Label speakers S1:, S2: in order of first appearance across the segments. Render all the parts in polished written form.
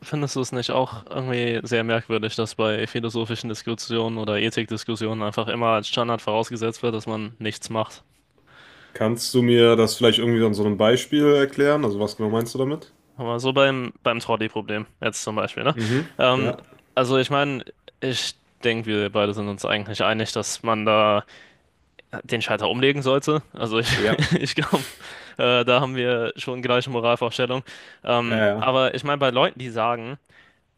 S1: Findest du es nicht auch irgendwie sehr merkwürdig, dass bei philosophischen Diskussionen oder Ethikdiskussionen einfach immer als Standard vorausgesetzt wird, dass man nichts macht?
S2: Kannst du mir das vielleicht irgendwie an so einem Beispiel erklären? Also was genau meinst du damit?
S1: Aber so beim Trolley-Problem jetzt zum Beispiel, ne?
S2: Mhm.
S1: Ähm,
S2: Ja.
S1: also ich meine, ich denke, wir beide sind uns eigentlich einig, dass man da den Schalter umlegen sollte.
S2: Ja.
S1: Ich glaube, da haben wir schon gleiche Moralvorstellung.
S2: Ja, ja.
S1: Aber ich meine, bei Leuten, die sagen,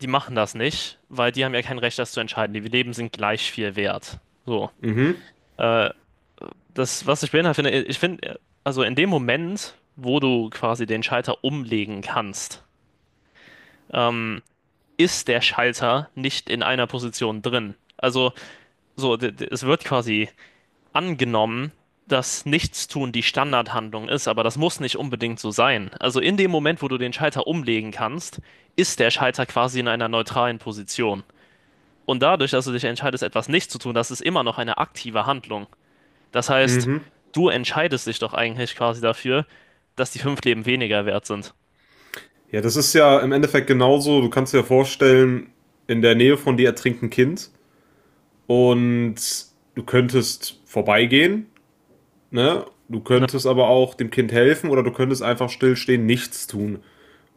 S1: die machen das nicht, weil die haben ja kein Recht, das zu entscheiden. Die Leben sind gleich viel wert. So.
S2: Mhm.
S1: Äh, Das, was ich beinhaltet finde, ich finde, also in dem Moment, wo du quasi den Schalter umlegen kannst, ähm, ist der Schalter nicht in einer Position drin. Also so, es wird quasi angenommen, dass Nichtstun die Standardhandlung ist, aber das muss nicht unbedingt so sein. Also in dem Moment, wo du den Schalter umlegen kannst, ist der Schalter quasi in einer neutralen Position. Und dadurch, dass du dich entscheidest, etwas nicht zu tun, das ist immer noch eine aktive Handlung. Das heißt,
S2: Mhm.
S1: du entscheidest dich doch eigentlich quasi dafür, dass die fünf Leben weniger wert sind.
S2: Ja, das ist ja im Endeffekt genauso. Du kannst dir vorstellen, in der Nähe von dir ertrinkt ein Kind und du könntest vorbeigehen, ne? Du
S1: Ja,
S2: könntest aber auch dem Kind helfen oder du könntest einfach stillstehen, nichts tun.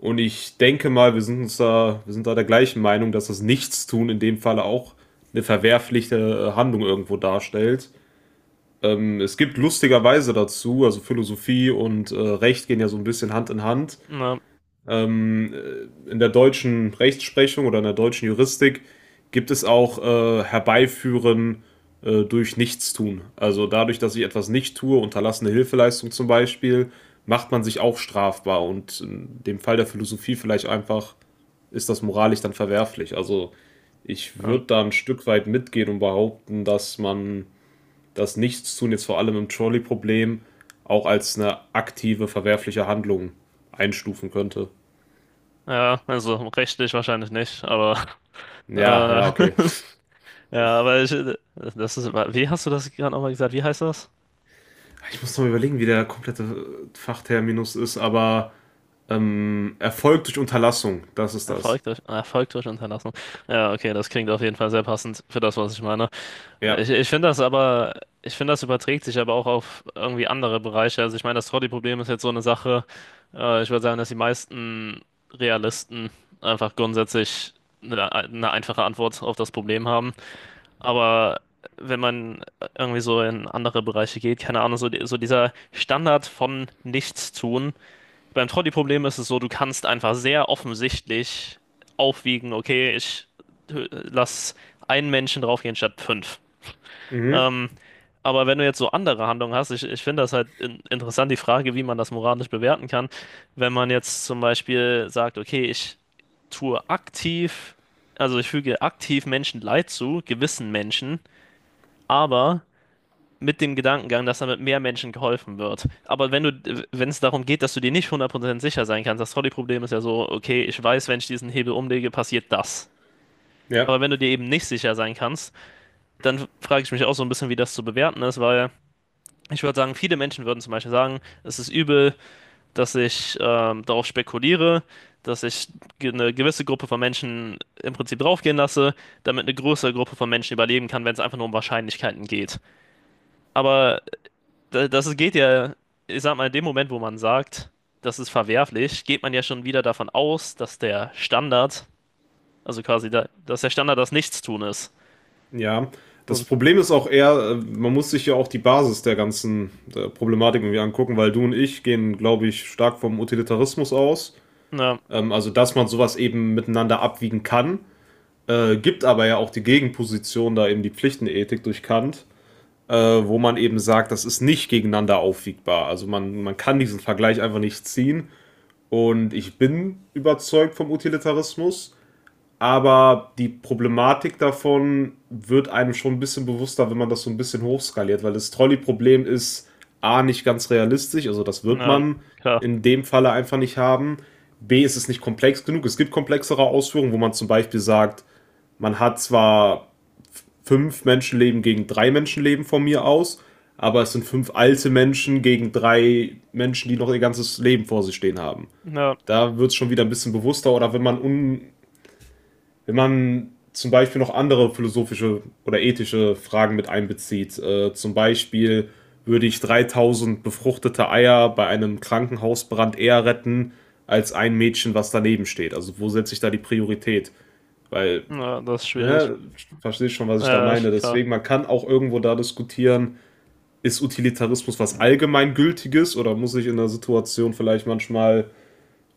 S2: Und ich denke mal, wir sind da der gleichen Meinung, dass das Nichtstun in dem Falle auch eine verwerfliche Handlung irgendwo darstellt. Es gibt lustigerweise dazu, also Philosophie und Recht gehen ja so ein bisschen Hand in Hand.
S1: ja,
S2: Ähm, in der deutschen Rechtsprechung oder in der deutschen Juristik gibt es auch Herbeiführen durch Nichtstun. Also dadurch, dass ich etwas nicht tue, unterlassene Hilfeleistung zum Beispiel, macht man sich auch strafbar. Und in dem Fall der Philosophie vielleicht einfach ist das moralisch dann verwerflich. Also ich
S1: ja,
S2: würde da ein Stück weit mitgehen und behaupten, dass man das Nichtstun jetzt vor allem im Trolley-Problem auch als eine aktive, verwerfliche Handlung einstufen könnte.
S1: ja, also rechtlich wahrscheinlich nicht, aber äh,
S2: Ja, ja, okay.
S1: ja, aber wie hast du das gerade nochmal gesagt? Wie heißt das?
S2: Ich muss noch überlegen, wie der komplette Fachterminus ist, aber Erfolg durch Unterlassung, das ist das.
S1: Erfolg durch Unterlassung. Ja, okay, das klingt auf jeden Fall sehr passend für das, was ich meine.
S2: Ja.
S1: Ich finde das aber, ich finde, das überträgt sich aber auch auf irgendwie andere Bereiche. Also ich meine, das Trolley-Problem ist jetzt so eine Sache. Ich würde sagen, dass die meisten Realisten einfach grundsätzlich eine einfache Antwort auf das Problem haben. Aber wenn man irgendwie so in andere Bereiche geht, keine Ahnung, so, so dieser Standard von nichts tun. Beim Trolley-Problem ist es so, du kannst einfach sehr offensichtlich aufwiegen. Okay, ich lass einen Menschen draufgehen statt fünf.
S2: Mhm.
S1: Ähm, aber wenn du jetzt so andere Handlungen hast, ich finde das halt interessant, die Frage, wie man das moralisch bewerten kann. Wenn man jetzt zum Beispiel sagt, okay, tue aktiv, also ich füge aktiv Menschen Leid zu, gewissen Menschen, aber mit dem Gedankengang, dass damit mehr Menschen geholfen wird. Aber wenn es darum geht, dass du dir nicht 100% sicher sein kannst, das Trolley-Problem ist ja so, okay, ich weiß, wenn ich diesen Hebel umlege, passiert das.
S2: Ja.
S1: Aber wenn du dir eben nicht sicher sein kannst, dann frage ich mich auch so ein bisschen, wie das zu bewerten ist, weil ich würde sagen, viele Menschen würden zum Beispiel sagen, es ist übel, dass ich darauf spekuliere, dass ich eine gewisse Gruppe von Menschen im Prinzip draufgehen lasse, damit eine größere Gruppe von Menschen überleben kann, wenn es einfach nur um Wahrscheinlichkeiten geht. Aber das geht ja, ich sag mal, in dem Moment, wo man sagt, das ist verwerflich, geht man ja schon wieder davon aus, dass der Standard, also quasi, dass der Standard das Nichtstun ist.
S2: Ja. Das
S1: So.
S2: Problem ist auch eher, man muss sich ja auch die Basis der ganzen der Problematik irgendwie angucken, weil du und ich gehen, glaube ich, stark vom Utilitarismus aus.
S1: Na,
S2: Also, dass man sowas eben miteinander abwiegen kann. Gibt aber ja auch die Gegenposition, da eben die Pflichtenethik durch Kant, wo man eben sagt, das ist nicht gegeneinander aufwiegbar. Also man kann diesen Vergleich einfach nicht ziehen. Und ich bin überzeugt vom Utilitarismus, aber die Problematik davon wird einem schon ein bisschen bewusster, wenn man das so ein bisschen hochskaliert, weil das Trolley-Problem ist A, nicht ganz realistisch, also das wird
S1: na,
S2: man
S1: klar.
S2: in dem Falle einfach nicht haben. B, ist es nicht komplex genug. Es gibt komplexere Ausführungen, wo man zum Beispiel sagt, man hat zwar fünf Menschenleben gegen drei Menschenleben von mir aus, aber es sind fünf alte Menschen gegen drei Menschen, die noch ihr ganzes Leben vor sich stehen haben.
S1: Na,
S2: Da wird es schon wieder ein bisschen bewusster oder wenn man zum Beispiel noch andere philosophische oder ethische Fragen mit einbezieht, zum Beispiel würde ich 3000 befruchtete Eier bei einem Krankenhausbrand eher retten als ein Mädchen, was daneben steht. Also wo setze ich da die Priorität? Weil,
S1: na, das ist schwierig.
S2: ne, verstehst schon, was ich da
S1: Ja,
S2: meine.
S1: ist klar.
S2: Deswegen, man kann auch irgendwo da diskutieren, ist Utilitarismus was Allgemeingültiges oder muss ich in der Situation vielleicht manchmal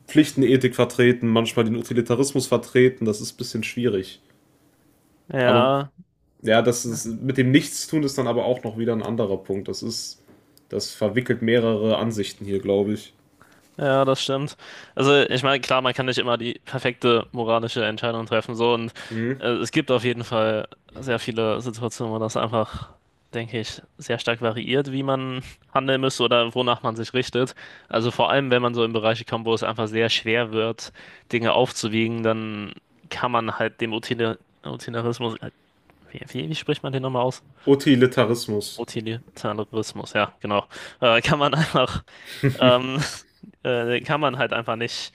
S2: Pflichtenethik vertreten, manchmal den Utilitarismus vertreten? Das ist ein bisschen schwierig. Aber
S1: Ja.
S2: ja, mit dem Nichtstun ist dann aber auch noch wieder ein anderer Punkt. Das verwickelt mehrere Ansichten hier, glaube ich.
S1: Ja, das stimmt. Also, ich meine, klar, man kann nicht immer die perfekte moralische Entscheidung treffen, so und
S2: Mhm.
S1: es gibt auf jeden Fall sehr viele Situationen, wo das einfach, denke ich, sehr stark variiert, wie man handeln müsste oder wonach man sich richtet. Also vor allem, wenn man so in Bereiche kommt, wo es einfach sehr schwer wird, Dinge aufzuwiegen, dann kann man halt dem Utilitarismus, wie spricht man den nochmal aus?
S2: Utilitarismus.
S1: Utilitarismus, ja, genau. Kann man einfach. Ähm, Kann man halt einfach nicht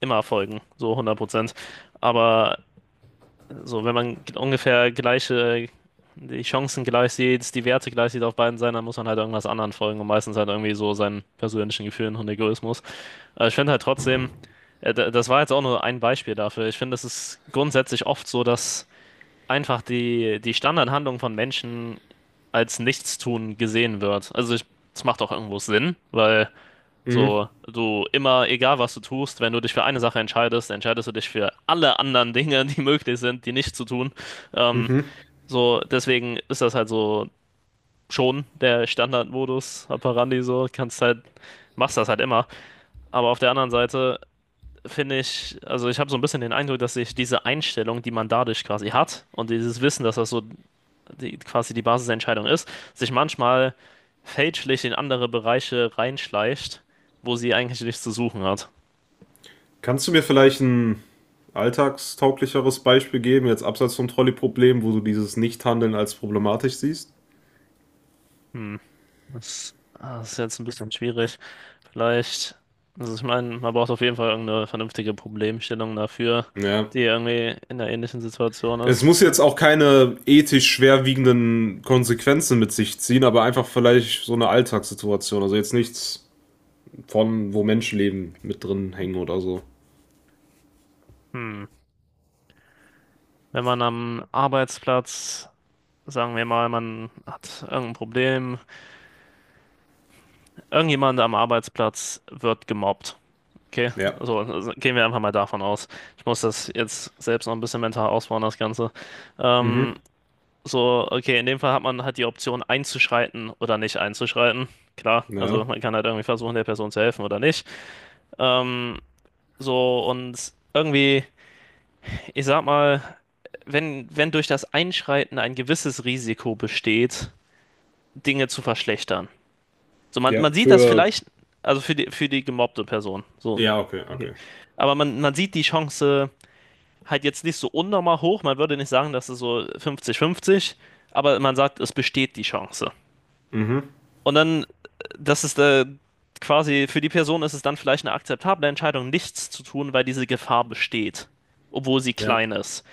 S1: immer folgen, so 100%. Aber so, wenn man ungefähr die Chancen gleich sieht, die Werte gleich sieht auf beiden Seiten, dann muss man halt irgendwas anderen folgen und meistens halt irgendwie so seinen persönlichen Gefühlen und Egoismus. Aber ich finde halt trotzdem, das war jetzt auch nur ein Beispiel dafür. Ich finde, es ist grundsätzlich oft so, dass einfach die Standardhandlung von Menschen als Nichtstun gesehen wird. Es macht auch irgendwo Sinn, weil
S2: Mhm.
S1: so, du immer, egal was du tust, wenn du dich für eine Sache entscheidest, entscheidest du dich für alle anderen Dinge, die möglich sind, die nicht zu tun. Ähm,
S2: Mhm.
S1: so, deswegen ist das halt so schon der Standardmodus operandi, so kannst halt, machst das halt immer. Aber auf der anderen Seite finde ich, also ich habe so ein bisschen den Eindruck, dass sich diese Einstellung, die man dadurch quasi hat und dieses Wissen, dass das so die, quasi die Basis der Entscheidung ist, sich manchmal fälschlich in andere Bereiche reinschleicht, wo sie eigentlich nichts zu suchen hat.
S2: Kannst du mir vielleicht ein alltagstauglicheres Beispiel geben, jetzt abseits vom Trolley-Problem, wo du dieses Nichthandeln als problematisch siehst?
S1: Hm. Das ist jetzt ein bisschen schwierig. Vielleicht, also ich meine, man braucht auf jeden Fall irgendeine vernünftige Problemstellung dafür,
S2: Ja.
S1: die irgendwie in einer ähnlichen Situation
S2: Es
S1: ist.
S2: muss jetzt auch keine ethisch schwerwiegenden Konsequenzen mit sich ziehen, aber einfach vielleicht so eine Alltagssituation. Also jetzt nichts von, wo Menschenleben mit drin hängen oder so.
S1: Hm. Wenn man am Arbeitsplatz, sagen wir mal, man hat irgendein Problem, irgendjemand am Arbeitsplatz wird gemobbt. Okay,
S2: Ja.
S1: so also gehen wir einfach mal davon aus. Ich muss das jetzt selbst noch ein bisschen mental ausbauen, das Ganze. Ähm,
S2: Mhm.
S1: So, okay, in dem Fall hat man halt die Option einzuschreiten oder nicht einzuschreiten. Klar, also
S2: Ja.
S1: man kann halt irgendwie versuchen, der Person zu helfen oder nicht. Ähm, so, und irgendwie, ich sag mal, wenn durch das Einschreiten ein gewisses Risiko besteht, Dinge zu verschlechtern. So, man,
S2: Ja,
S1: man sieht das
S2: für.
S1: vielleicht, also für die gemobbte Person, so.
S2: Ja, okay,
S1: Okay.
S2: okay.
S1: Aber man sieht die Chance halt jetzt nicht so unnormal hoch. Man würde nicht sagen, dass es so 50-50, aber man sagt, es besteht die Chance.
S2: Mhm.
S1: Und dann, das ist quasi, für die Person ist es dann vielleicht eine akzeptable Entscheidung, nichts zu tun, weil diese Gefahr besteht, obwohl sie
S2: Ja.
S1: klein ist.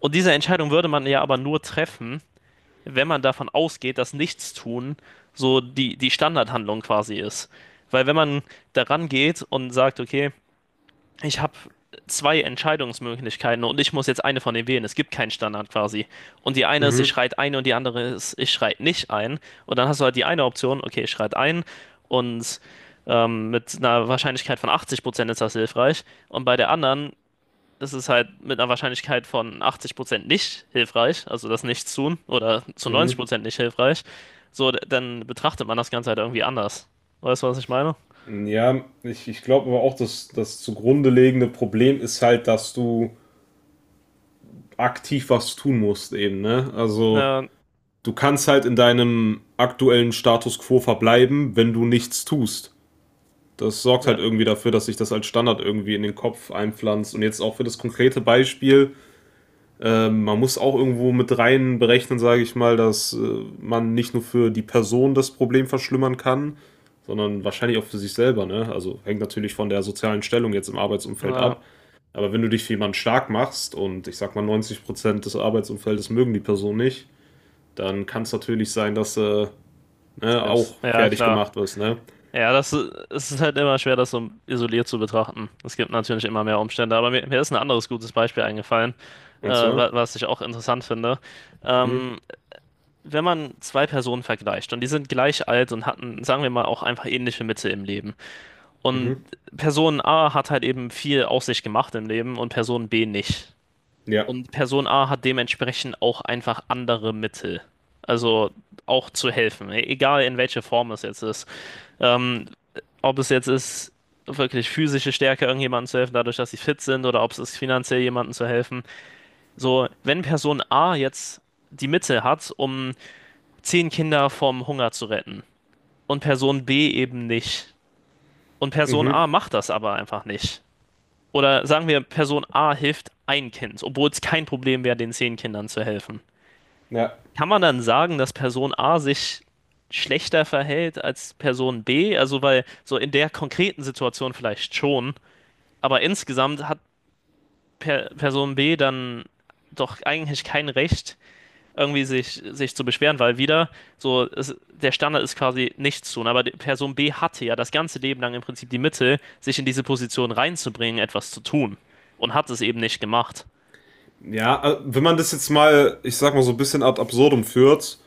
S1: Und diese Entscheidung würde man ja aber nur treffen, wenn man davon ausgeht, dass Nichtstun so die Standardhandlung quasi ist. Weil wenn man daran geht und sagt, okay, ich habe zwei Entscheidungsmöglichkeiten und ich muss jetzt eine von denen wählen. Es gibt keinen Standard quasi. Und die eine ist, ich
S2: Mhm.
S1: schreit ein und die andere ist, ich schreit nicht ein. Und dann hast du halt die eine Option, okay, ich schreit ein und mit einer Wahrscheinlichkeit von 80% ist das hilfreich. Und bei der anderen ist es halt mit einer Wahrscheinlichkeit von 80% nicht hilfreich, also das Nichts tun, oder zu
S2: Mhm.
S1: 90% nicht hilfreich. So, dann betrachtet man das Ganze halt irgendwie anders. Weißt du, was ich meine?
S2: Ja, ich glaube aber auch, dass das zugrunde liegende Problem ist halt, dass du aktiv was tun musst eben, ne? Also
S1: Ja,
S2: du kannst halt in deinem aktuellen Status quo verbleiben, wenn du nichts tust. Das sorgt
S1: ja,
S2: halt irgendwie dafür, dass sich das als Standard irgendwie in den Kopf einpflanzt. Und jetzt auch für das konkrete Beispiel, ähm, man muss auch irgendwo mit rein berechnen, sage ich mal, dass man nicht nur für die Person das Problem verschlimmern kann, sondern wahrscheinlich auch für sich selber. Ne? Also hängt natürlich von der sozialen Stellung jetzt im Arbeitsumfeld
S1: ja,
S2: ab. Aber wenn du dich für jemanden stark machst und ich sag mal 90% des Arbeitsumfeldes mögen die Person nicht, dann kann es natürlich sein, dass ne,
S1: selbst.
S2: auch
S1: Ja,
S2: fertig
S1: klar.
S2: gemacht wirst. Ne?
S1: Ja, es ist halt immer schwer, das so isoliert zu betrachten. Es gibt natürlich immer mehr Umstände, aber mir ist ein anderes gutes Beispiel eingefallen,
S2: Und zwar?
S1: was ich auch interessant finde.
S2: Mhm.
S1: Ähm, Wenn man zwei Personen vergleicht und die sind gleich alt und hatten, sagen wir mal, auch einfach ähnliche Mitte im Leben. Und
S2: Mhm.
S1: Person A hat halt eben viel aus sich gemacht im Leben und Person B nicht.
S2: Ja.
S1: Und Person A hat dementsprechend auch einfach andere Mittel. Also auch zu helfen, egal in welche Form es jetzt ist. Ähm, Ob es jetzt ist, wirklich physische Stärke irgendjemandem zu helfen, dadurch, dass sie fit sind, oder ob es ist, finanziell jemandem zu helfen. So, wenn Person A jetzt die Mittel hat, um zehn Kinder vom Hunger zu retten und Person B eben nicht, und Person
S2: Mhm.
S1: A macht das aber einfach nicht. Oder sagen wir, Person A hilft ein Kind, obwohl es kein Problem wäre, den zehn Kindern zu helfen.
S2: Ja.
S1: Kann man dann sagen, dass Person A sich schlechter verhält als Person B? Also, weil so in der konkreten Situation vielleicht schon, aber insgesamt hat per Person B dann doch eigentlich kein Recht, irgendwie sich zu beschweren, weil wieder so der Standard ist quasi nichts tun. Aber die Person B hatte ja das ganze Leben lang im Prinzip die Mittel, sich in diese Position reinzubringen, etwas zu tun, und hat es eben nicht gemacht.
S2: Ja, wenn man das jetzt mal, ich sag mal, so ein bisschen ad absurdum führt,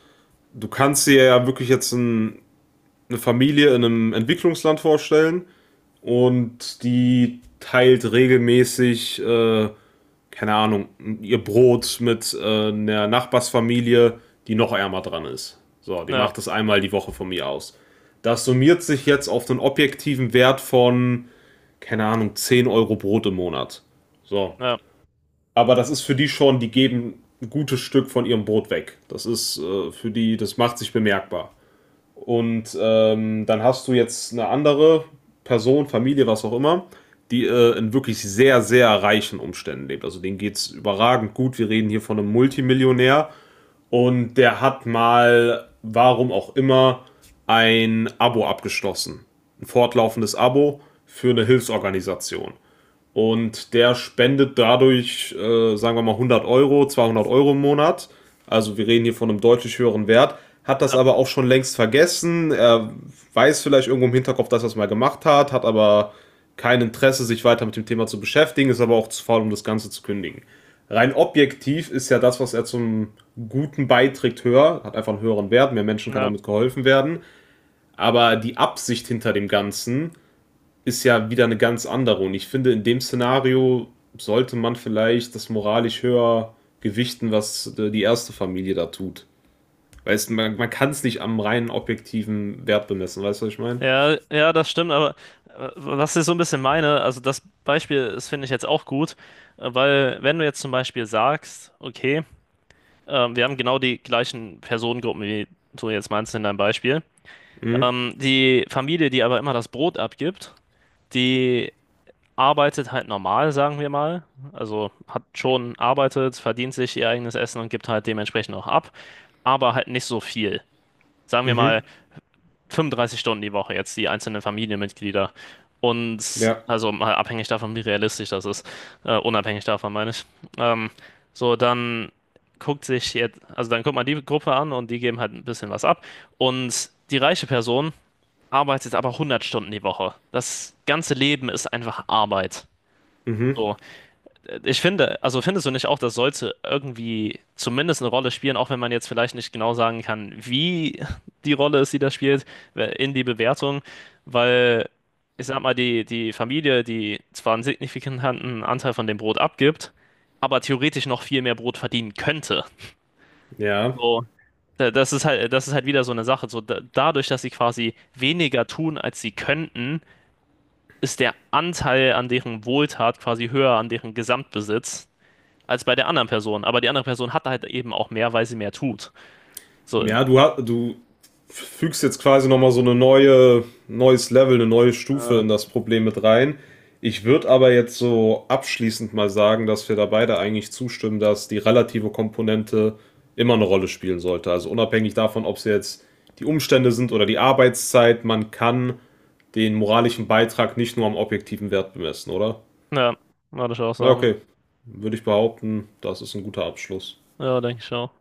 S2: du kannst dir ja wirklich jetzt ein, eine Familie in einem Entwicklungsland vorstellen und die teilt regelmäßig, keine Ahnung, ihr Brot mit einer Nachbarsfamilie, die noch ärmer dran ist. So, die
S1: Ja,
S2: macht das einmal die Woche von mir aus. Das summiert sich jetzt auf einen objektiven Wert von, keine Ahnung, 10 Euro Brot im Monat. So.
S1: ja,
S2: Aber das ist für die schon, die geben ein gutes Stück von ihrem Brot weg. Das ist für die, das macht sich bemerkbar. Und dann hast du jetzt eine andere Person, Familie, was auch immer, die in wirklich sehr, sehr reichen Umständen lebt. Also denen geht es überragend gut. Wir reden hier von einem Multimillionär und der hat mal, warum auch immer, ein Abo abgeschlossen. Ein fortlaufendes Abo für eine Hilfsorganisation. Und der spendet dadurch, sagen wir mal, 100 Euro, 200 Euro im Monat. Also wir reden hier von einem deutlich höheren Wert. Hat das
S1: ja,
S2: aber auch schon längst vergessen. Er weiß vielleicht irgendwo im Hinterkopf, dass er es mal gemacht hat, hat aber kein Interesse, sich weiter mit dem Thema zu beschäftigen, ist aber auch zu faul, um das Ganze zu kündigen. Rein objektiv ist ja das, was er zum Guten beiträgt, höher, hat einfach einen höheren Wert, mehr Menschen kann
S1: ja.
S2: damit geholfen werden. Aber die Absicht hinter dem Ganzen ist ja wieder eine ganz andere. Und ich finde, in dem Szenario sollte man vielleicht das moralisch höher gewichten, was die erste Familie da tut. Weißt du, man kann es nicht am reinen objektiven Wert bemessen, weißt du, was ich meine?
S1: Ja, ja, das stimmt, aber was ich so ein bisschen meine, also das Beispiel ist, finde ich jetzt auch gut, weil wenn du jetzt zum Beispiel sagst, okay, wir haben genau die gleichen Personengruppen, wie du jetzt meinst in deinem Beispiel,
S2: Mhm.
S1: die Familie, die aber immer das Brot abgibt, die arbeitet halt normal, sagen wir mal, also hat schon arbeitet, verdient sich ihr eigenes Essen und gibt halt dementsprechend auch ab, aber halt nicht so viel. Sagen wir
S2: Mhm.
S1: mal, 35 Stunden die Woche jetzt, die einzelnen Familienmitglieder. Und
S2: Ja.
S1: also mal abhängig davon, wie realistisch das ist. Unabhängig davon, meine ich. Ähm, so, dann guckt sich jetzt, also dann guckt man die Gruppe an und die geben halt ein bisschen was ab. Und die reiche Person arbeitet aber 100 Stunden die Woche. Das ganze Leben ist einfach Arbeit.
S2: Mhm.
S1: So. Ich finde, also findest du nicht auch, das sollte irgendwie zumindest eine Rolle spielen, auch wenn man jetzt vielleicht nicht genau sagen kann, wie die Rolle ist, die das spielt, in die Bewertung, weil ich sag mal, die Familie, die zwar einen signifikanten Anteil von dem Brot abgibt, aber theoretisch noch viel mehr Brot verdienen könnte.
S2: Ja.
S1: So, das ist halt wieder so eine Sache. So, dadurch, dass sie quasi weniger tun, als sie könnten, ist der Anteil an deren Wohltat quasi höher an deren Gesamtbesitz als bei der anderen Person. Aber die andere Person hat halt eben auch mehr, weil sie mehr tut. So,
S2: Ja, du fügst jetzt quasi nochmal so eine neue, neues Level, eine neue Stufe in das Problem mit rein. Ich würde aber jetzt so abschließend mal sagen, dass wir da beide eigentlich zustimmen, dass die relative Komponente immer eine Rolle spielen sollte. Also unabhängig davon, ob es jetzt die Umstände sind oder die Arbeitszeit, man kann den moralischen Beitrag nicht nur am objektiven Wert bemessen, oder?
S1: ja, würde ich auch
S2: Ja,
S1: sagen.
S2: okay. Würde ich behaupten, das ist ein guter Abschluss.
S1: Ja, denke ich auch.